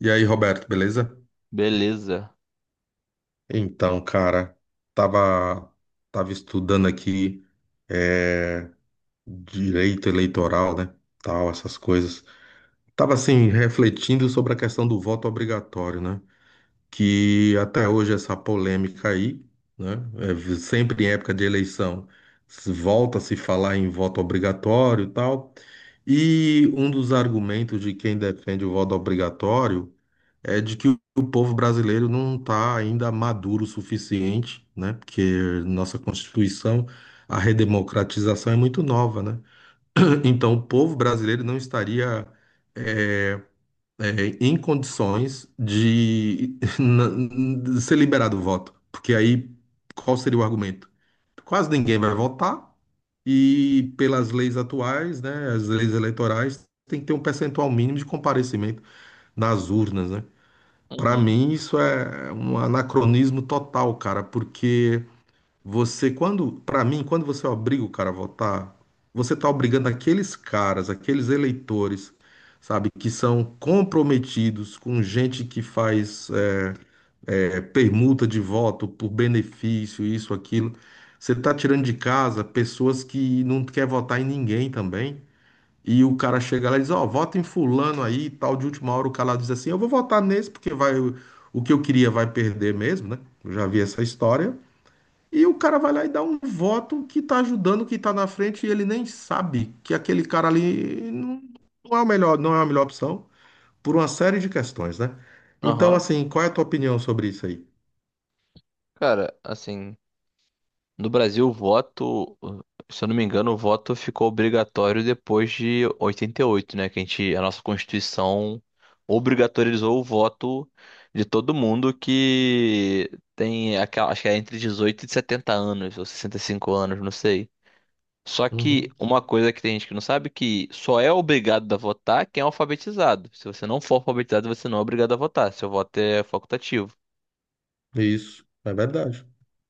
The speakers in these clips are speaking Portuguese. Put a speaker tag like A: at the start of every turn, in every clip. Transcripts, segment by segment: A: E aí, Roberto, beleza?
B: Beleza.
A: Então, cara, tava, tava estudando aqui é, direito eleitoral, né? Tal, essas coisas. Tava assim, refletindo sobre a questão do voto obrigatório, né? Que até hoje essa polêmica aí, né? Sempre em época de eleição, se volta a se falar em voto obrigatório e tal. E um dos argumentos de quem defende o voto obrigatório, é de que o povo brasileiro não está ainda maduro o suficiente, né? Porque nossa Constituição, a redemocratização é muito nova, né? Então, o povo brasileiro não estaria é, é, em condições de, de ser liberado o voto, porque aí qual seria o argumento? Quase ninguém vai votar e pelas leis atuais, né? As leis eleitorais tem que ter um percentual mínimo de comparecimento nas urnas, né? Para
B: Uhum.
A: mim, isso é um anacronismo total, cara, porque você, quando, para mim, quando você obriga o cara a votar, você tá obrigando aqueles caras, aqueles eleitores, sabe, que são comprometidos com gente que faz permuta de voto por benefício, isso, aquilo. Você tá tirando de casa pessoas que não quer votar em ninguém também. E o cara chega lá e diz, ó, vota em fulano aí e tal, de última hora o cara lá diz assim, eu vou votar nesse porque vai o que eu queria vai perder mesmo, né? Eu já vi essa história. E o cara vai lá e dá um voto que tá ajudando, que tá na frente e ele nem sabe que aquele cara ali não é o melhor, não é a melhor opção por uma série de questões, né? Então,
B: Aham.
A: assim, qual é a tua opinião sobre isso aí?
B: Cara, assim, no Brasil o voto, se eu não me engano, o voto ficou obrigatório depois de 88, né? Que a nossa Constituição obrigatorizou o voto de todo mundo que tem, acho que é entre 18 e 70 anos, ou 65 anos, não sei. Só que
A: Uhum.
B: uma coisa que tem gente que não sabe é que só é obrigado a votar quem é alfabetizado. Se você não for alfabetizado, você não é obrigado a votar. Seu voto é facultativo.
A: Isso, é verdade.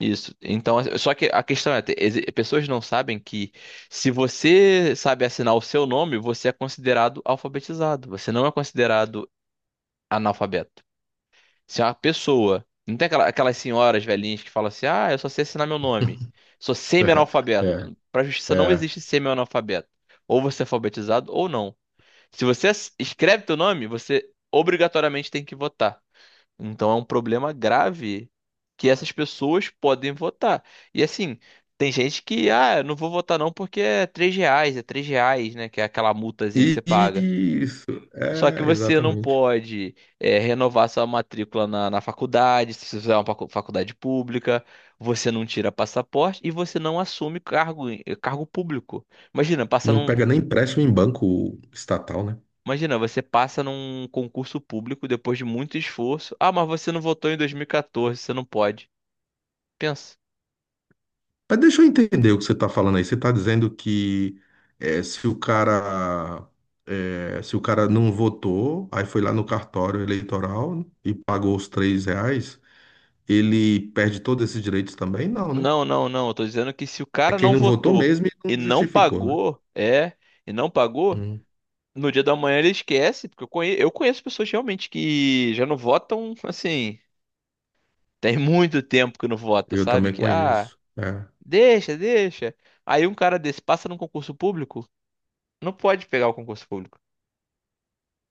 B: Isso. Então, assim, só que a questão é, pessoas não sabem que se você sabe assinar o seu nome, você é considerado alfabetizado. Você não é considerado analfabeto. Se uma pessoa, não tem aquelas senhoras velhinhas que falam assim: "Ah, eu só sei assinar meu nome. Sou semi-analfabeto".
A: É,
B: Para a justiça não
A: é.
B: existe semi-analfabeto. Ou você é alfabetizado ou não. Se você escreve teu nome, você obrigatoriamente tem que votar. Então é um problema grave que essas pessoas podem votar. E assim, tem gente que, ah, eu não vou votar não porque é 3 reais, é 3 reais, né? Que é aquela multazinha que você
A: E
B: paga.
A: e isso,
B: Só que você não
A: exatamente.
B: pode renovar sua matrícula na faculdade, se você fizer uma faculdade pública, você não tira passaporte e você não assume cargo, cargo público. Imagina,
A: Não pega nem empréstimo em banco estatal, né?
B: imagina, você passa num concurso público depois de muito esforço. Ah, mas você não votou em 2014, você não pode. Pensa.
A: Mas deixa eu entender o que você está falando aí. Você está dizendo que eh, se o cara se o cara não votou, aí foi lá no cartório eleitoral e pagou os R$ 3, ele perde todos esses direitos também? Não, né?
B: Não, não, não. Eu tô dizendo que se o
A: É
B: cara
A: quem
B: não
A: não votou
B: votou
A: mesmo e não
B: e não
A: justificou, né?
B: pagou, e não pagou,
A: Hum,
B: no dia da manhã ele esquece, porque eu conheço pessoas realmente que já não votam, assim, tem muito tempo que não vota,
A: eu
B: sabe?
A: também
B: Que, ah,
A: conheço. É,
B: deixa, deixa. Aí um cara desse passa num concurso público, não pode pegar o concurso público.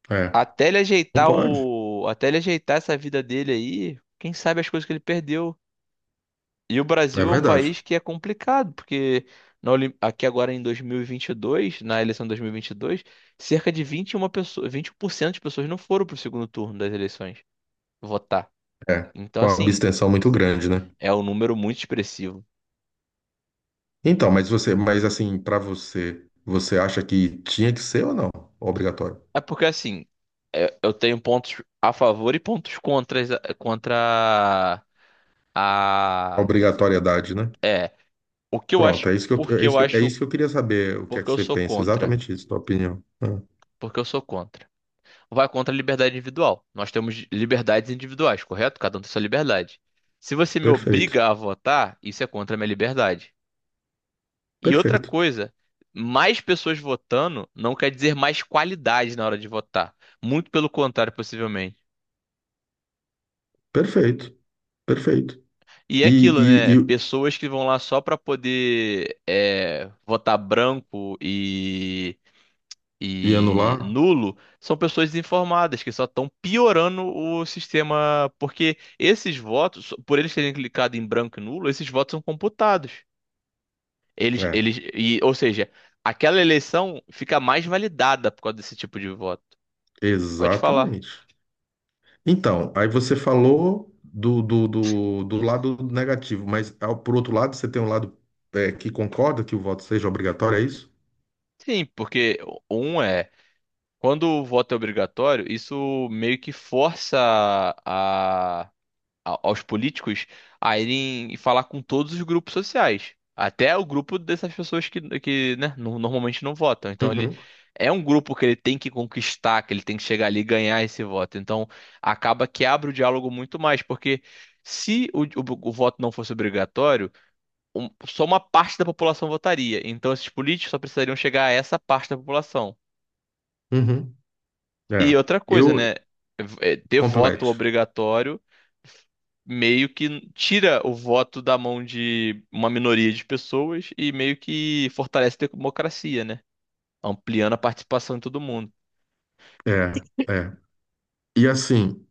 A: é.
B: Até ele
A: Não
B: ajeitar
A: pode.
B: até ele ajeitar essa vida dele aí, quem sabe as coisas que ele perdeu. E o
A: É
B: Brasil é um
A: verdade.
B: país que é complicado, porque na aqui agora em 2022, na eleição de 2022, cerca de 21% de pessoas não foram para o segundo turno das eleições votar.
A: É.
B: Então,
A: Com a
B: assim,
A: abstenção muito grande, né?
B: é um número muito expressivo.
A: Então, mas você, mas assim, para você, você acha que tinha que ser ou não? Obrigatório.
B: É porque, assim, eu tenho pontos a favor e pontos contras, contra a...
A: Obrigatoriedade, né?
B: É, o que eu
A: Pronto,
B: acho, porque eu
A: é
B: acho,
A: isso que eu queria saber, o que é
B: porque
A: que
B: eu
A: você
B: sou
A: pensa,
B: contra.
A: exatamente isso, tua opinião. Ah,
B: Porque eu sou contra. Vai contra a liberdade individual. Nós temos liberdades individuais, correto? Cada um tem sua liberdade. Se você me
A: perfeito,
B: obriga a votar, isso é contra a minha liberdade. E outra
A: perfeito,
B: coisa, mais pessoas votando não quer dizer mais qualidade na hora de votar. Muito pelo contrário, possivelmente.
A: perfeito, perfeito.
B: E é
A: E,
B: aquilo,
A: e,
B: né?
A: e,
B: Pessoas que vão lá só para poder votar branco
A: e
B: e
A: anular?
B: nulo são pessoas desinformadas que só estão piorando o sistema, porque esses votos, por eles terem clicado em branco e nulo, esses votos são computados.
A: É,
B: Ou seja, aquela eleição fica mais validada por causa desse tipo de voto. Pode falar.
A: exatamente. Então, aí você falou do lado negativo, mas ao, por outro lado, você tem um lado que concorda que o voto seja obrigatório, é isso?
B: Sim, porque um é, quando o voto é obrigatório, isso meio que força a aos políticos a irem falar com todos os grupos sociais, até o grupo dessas pessoas que né, normalmente não votam. Então ele
A: Uhum,
B: é um grupo que ele tem que conquistar, que ele tem que chegar ali e ganhar esse voto. Então acaba que abre o diálogo muito mais, porque se o voto não fosse obrigatório, só uma parte da população votaria. Então esses políticos só precisariam chegar a essa parte da população.
A: uhum. É,
B: E outra coisa,
A: eu
B: né? É, ter voto
A: complete.
B: obrigatório meio que tira o voto da mão de uma minoria de pessoas e meio que fortalece a democracia, né? Ampliando a participação de todo mundo.
A: É, é. E assim,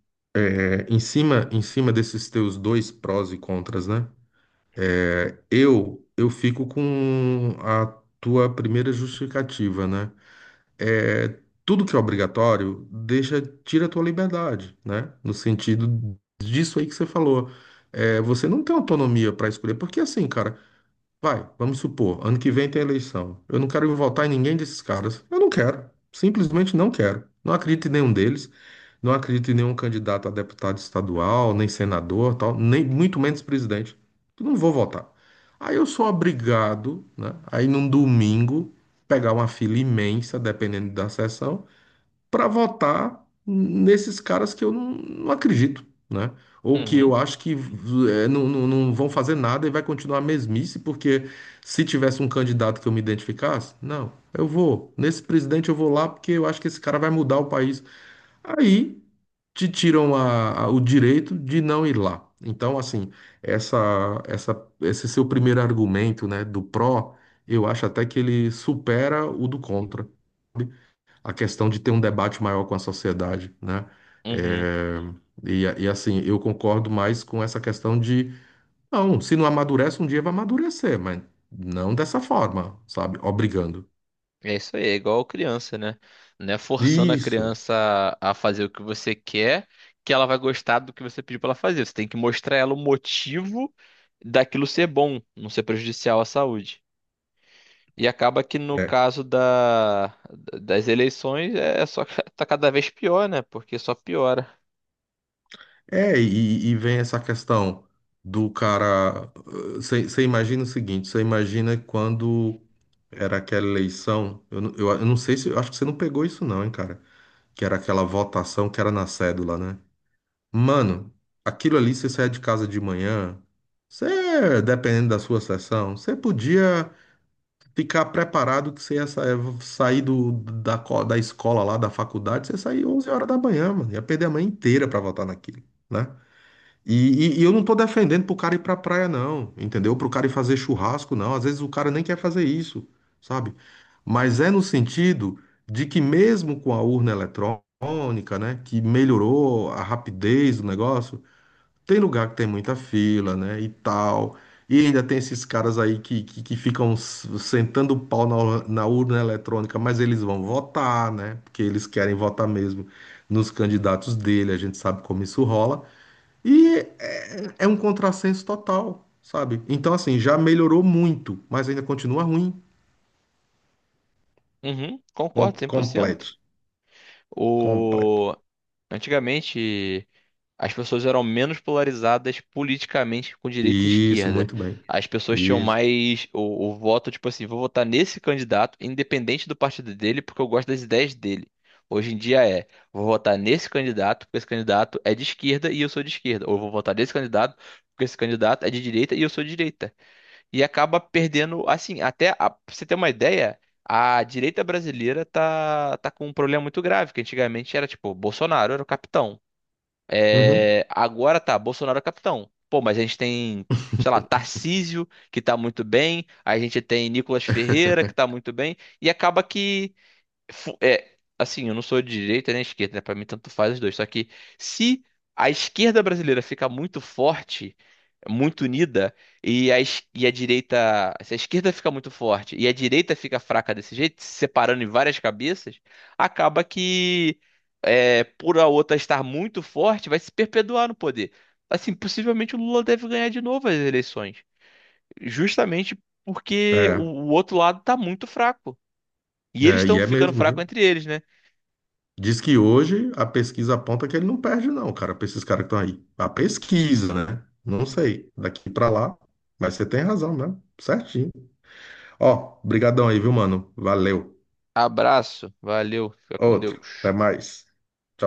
A: é, em cima desses teus dois prós e contras, né? É, eu fico com a tua primeira justificativa, né? É, tudo que é obrigatório deixa, tira a tua liberdade, né? No sentido disso aí que você falou. É, você não tem autonomia para escolher, porque assim, cara. Vai, vamos supor, ano que vem tem eleição. Eu não quero votar em ninguém desses caras. Eu não quero. Simplesmente não quero. Não acredito em nenhum deles. Não acredito em nenhum candidato a deputado estadual, nem senador, tal, nem muito menos presidente. Eu não vou votar. Aí eu sou obrigado, né, a ir num domingo, pegar uma fila imensa, dependendo da sessão, para votar nesses caras que eu não acredito, né? Ou que
B: Uhum,
A: eu acho que não vão fazer nada e vai continuar a mesmice, porque se tivesse um candidato que eu me identificasse, não, eu vou, nesse presidente eu vou lá porque eu acho que esse cara vai mudar o país. Aí te tiram o direito de não ir lá. Então, assim, esse seu primeiro argumento, né, do pró, eu acho até que ele supera o do contra a questão de ter um debate maior com a sociedade, né?
B: uhum.
A: É, e assim, eu concordo mais com essa questão de, não, se não amadurece, um dia vai amadurecer, mas não dessa forma, sabe? Obrigando.
B: É isso aí, é igual criança, né? Não é forçando a
A: Isso.
B: criança a fazer o que você quer que ela vai gostar do que você pediu para ela fazer. Você tem que mostrar a ela o motivo daquilo ser bom, não ser prejudicial à saúde. E acaba que no
A: É,
B: caso das eleições é só tá cada vez pior, né? Porque só piora.
A: é e vem essa questão do cara. Você imagina o seguinte: você imagina quando era aquela eleição, eu não sei se, eu acho que você não pegou isso, não, hein, cara? Que era aquela votação que era na cédula, né? Mano, aquilo ali, você sair de casa de manhã, você, dependendo da sua sessão, você podia ficar preparado que você ia sair da escola lá, da faculdade, você sair 11 horas da manhã, mano. Ia perder a manhã inteira pra voltar naquilo, né? E, e eu não tô defendendo pro cara ir pra praia, não, entendeu? Pro cara ir fazer churrasco, não. Às vezes o cara nem quer fazer isso, sabe? Mas é no sentido de que mesmo com a urna eletrônica, né, que melhorou a rapidez do negócio, tem lugar que tem muita fila, né, e tal. E ainda tem esses caras aí que ficam sentando o pau na urna eletrônica, mas eles vão votar, né? Porque eles querem votar mesmo nos candidatos dele, a gente sabe como isso rola. E é um contrassenso total, sabe? Então, assim, já melhorou muito, mas ainda continua ruim.
B: Uhum,
A: Com-
B: concordo 100%.
A: completo. Completo.
B: O antigamente as pessoas eram menos polarizadas politicamente com direita e
A: Isso,
B: esquerda.
A: muito bem.
B: As pessoas tinham
A: Isso.
B: mais o voto, tipo assim, vou votar nesse candidato, independente do partido dele, porque eu gosto das ideias dele. Hoje em dia vou votar nesse candidato, porque esse candidato é de esquerda e eu sou de esquerda. Ou vou votar nesse candidato, porque esse candidato é de direita e eu sou de direita. E acaba perdendo, assim, pra você ter uma ideia, a direita brasileira tá com um problema muito grave, que antigamente era tipo, Bolsonaro era o capitão.
A: Uhum.
B: É, agora tá, Bolsonaro é capitão. Pô, mas a gente tem, sei lá, Tarcísio, que tá muito bem, a gente tem Nicolas Ferreira, que tá muito bem, e acaba que é, assim, eu não sou de direita nem esquerda, né? Pra mim tanto faz os dois. Só que se a esquerda brasileira ficar muito forte, muito unida, e e a direita. Se a esquerda fica muito forte e a direita fica fraca desse jeito, se separando em várias cabeças, acaba que por a outra estar muito forte, vai se perpetuar no poder. Assim, possivelmente o Lula deve ganhar de novo as eleições. Justamente porque
A: É,
B: o outro lado tá muito fraco. E eles
A: é, e
B: estão
A: é
B: ficando
A: mesmo,
B: fracos
A: viu?
B: entre eles, né?
A: Diz que hoje a pesquisa aponta que ele não perde, não, cara, pra esses caras que estão aí. A pesquisa, né? Não sei. Daqui pra lá. Mas você tem razão, né? Certinho. Ó, brigadão aí, viu, mano? Valeu.
B: Abraço, valeu, fica com
A: Outro. Até
B: Deus.
A: mais. Tchau.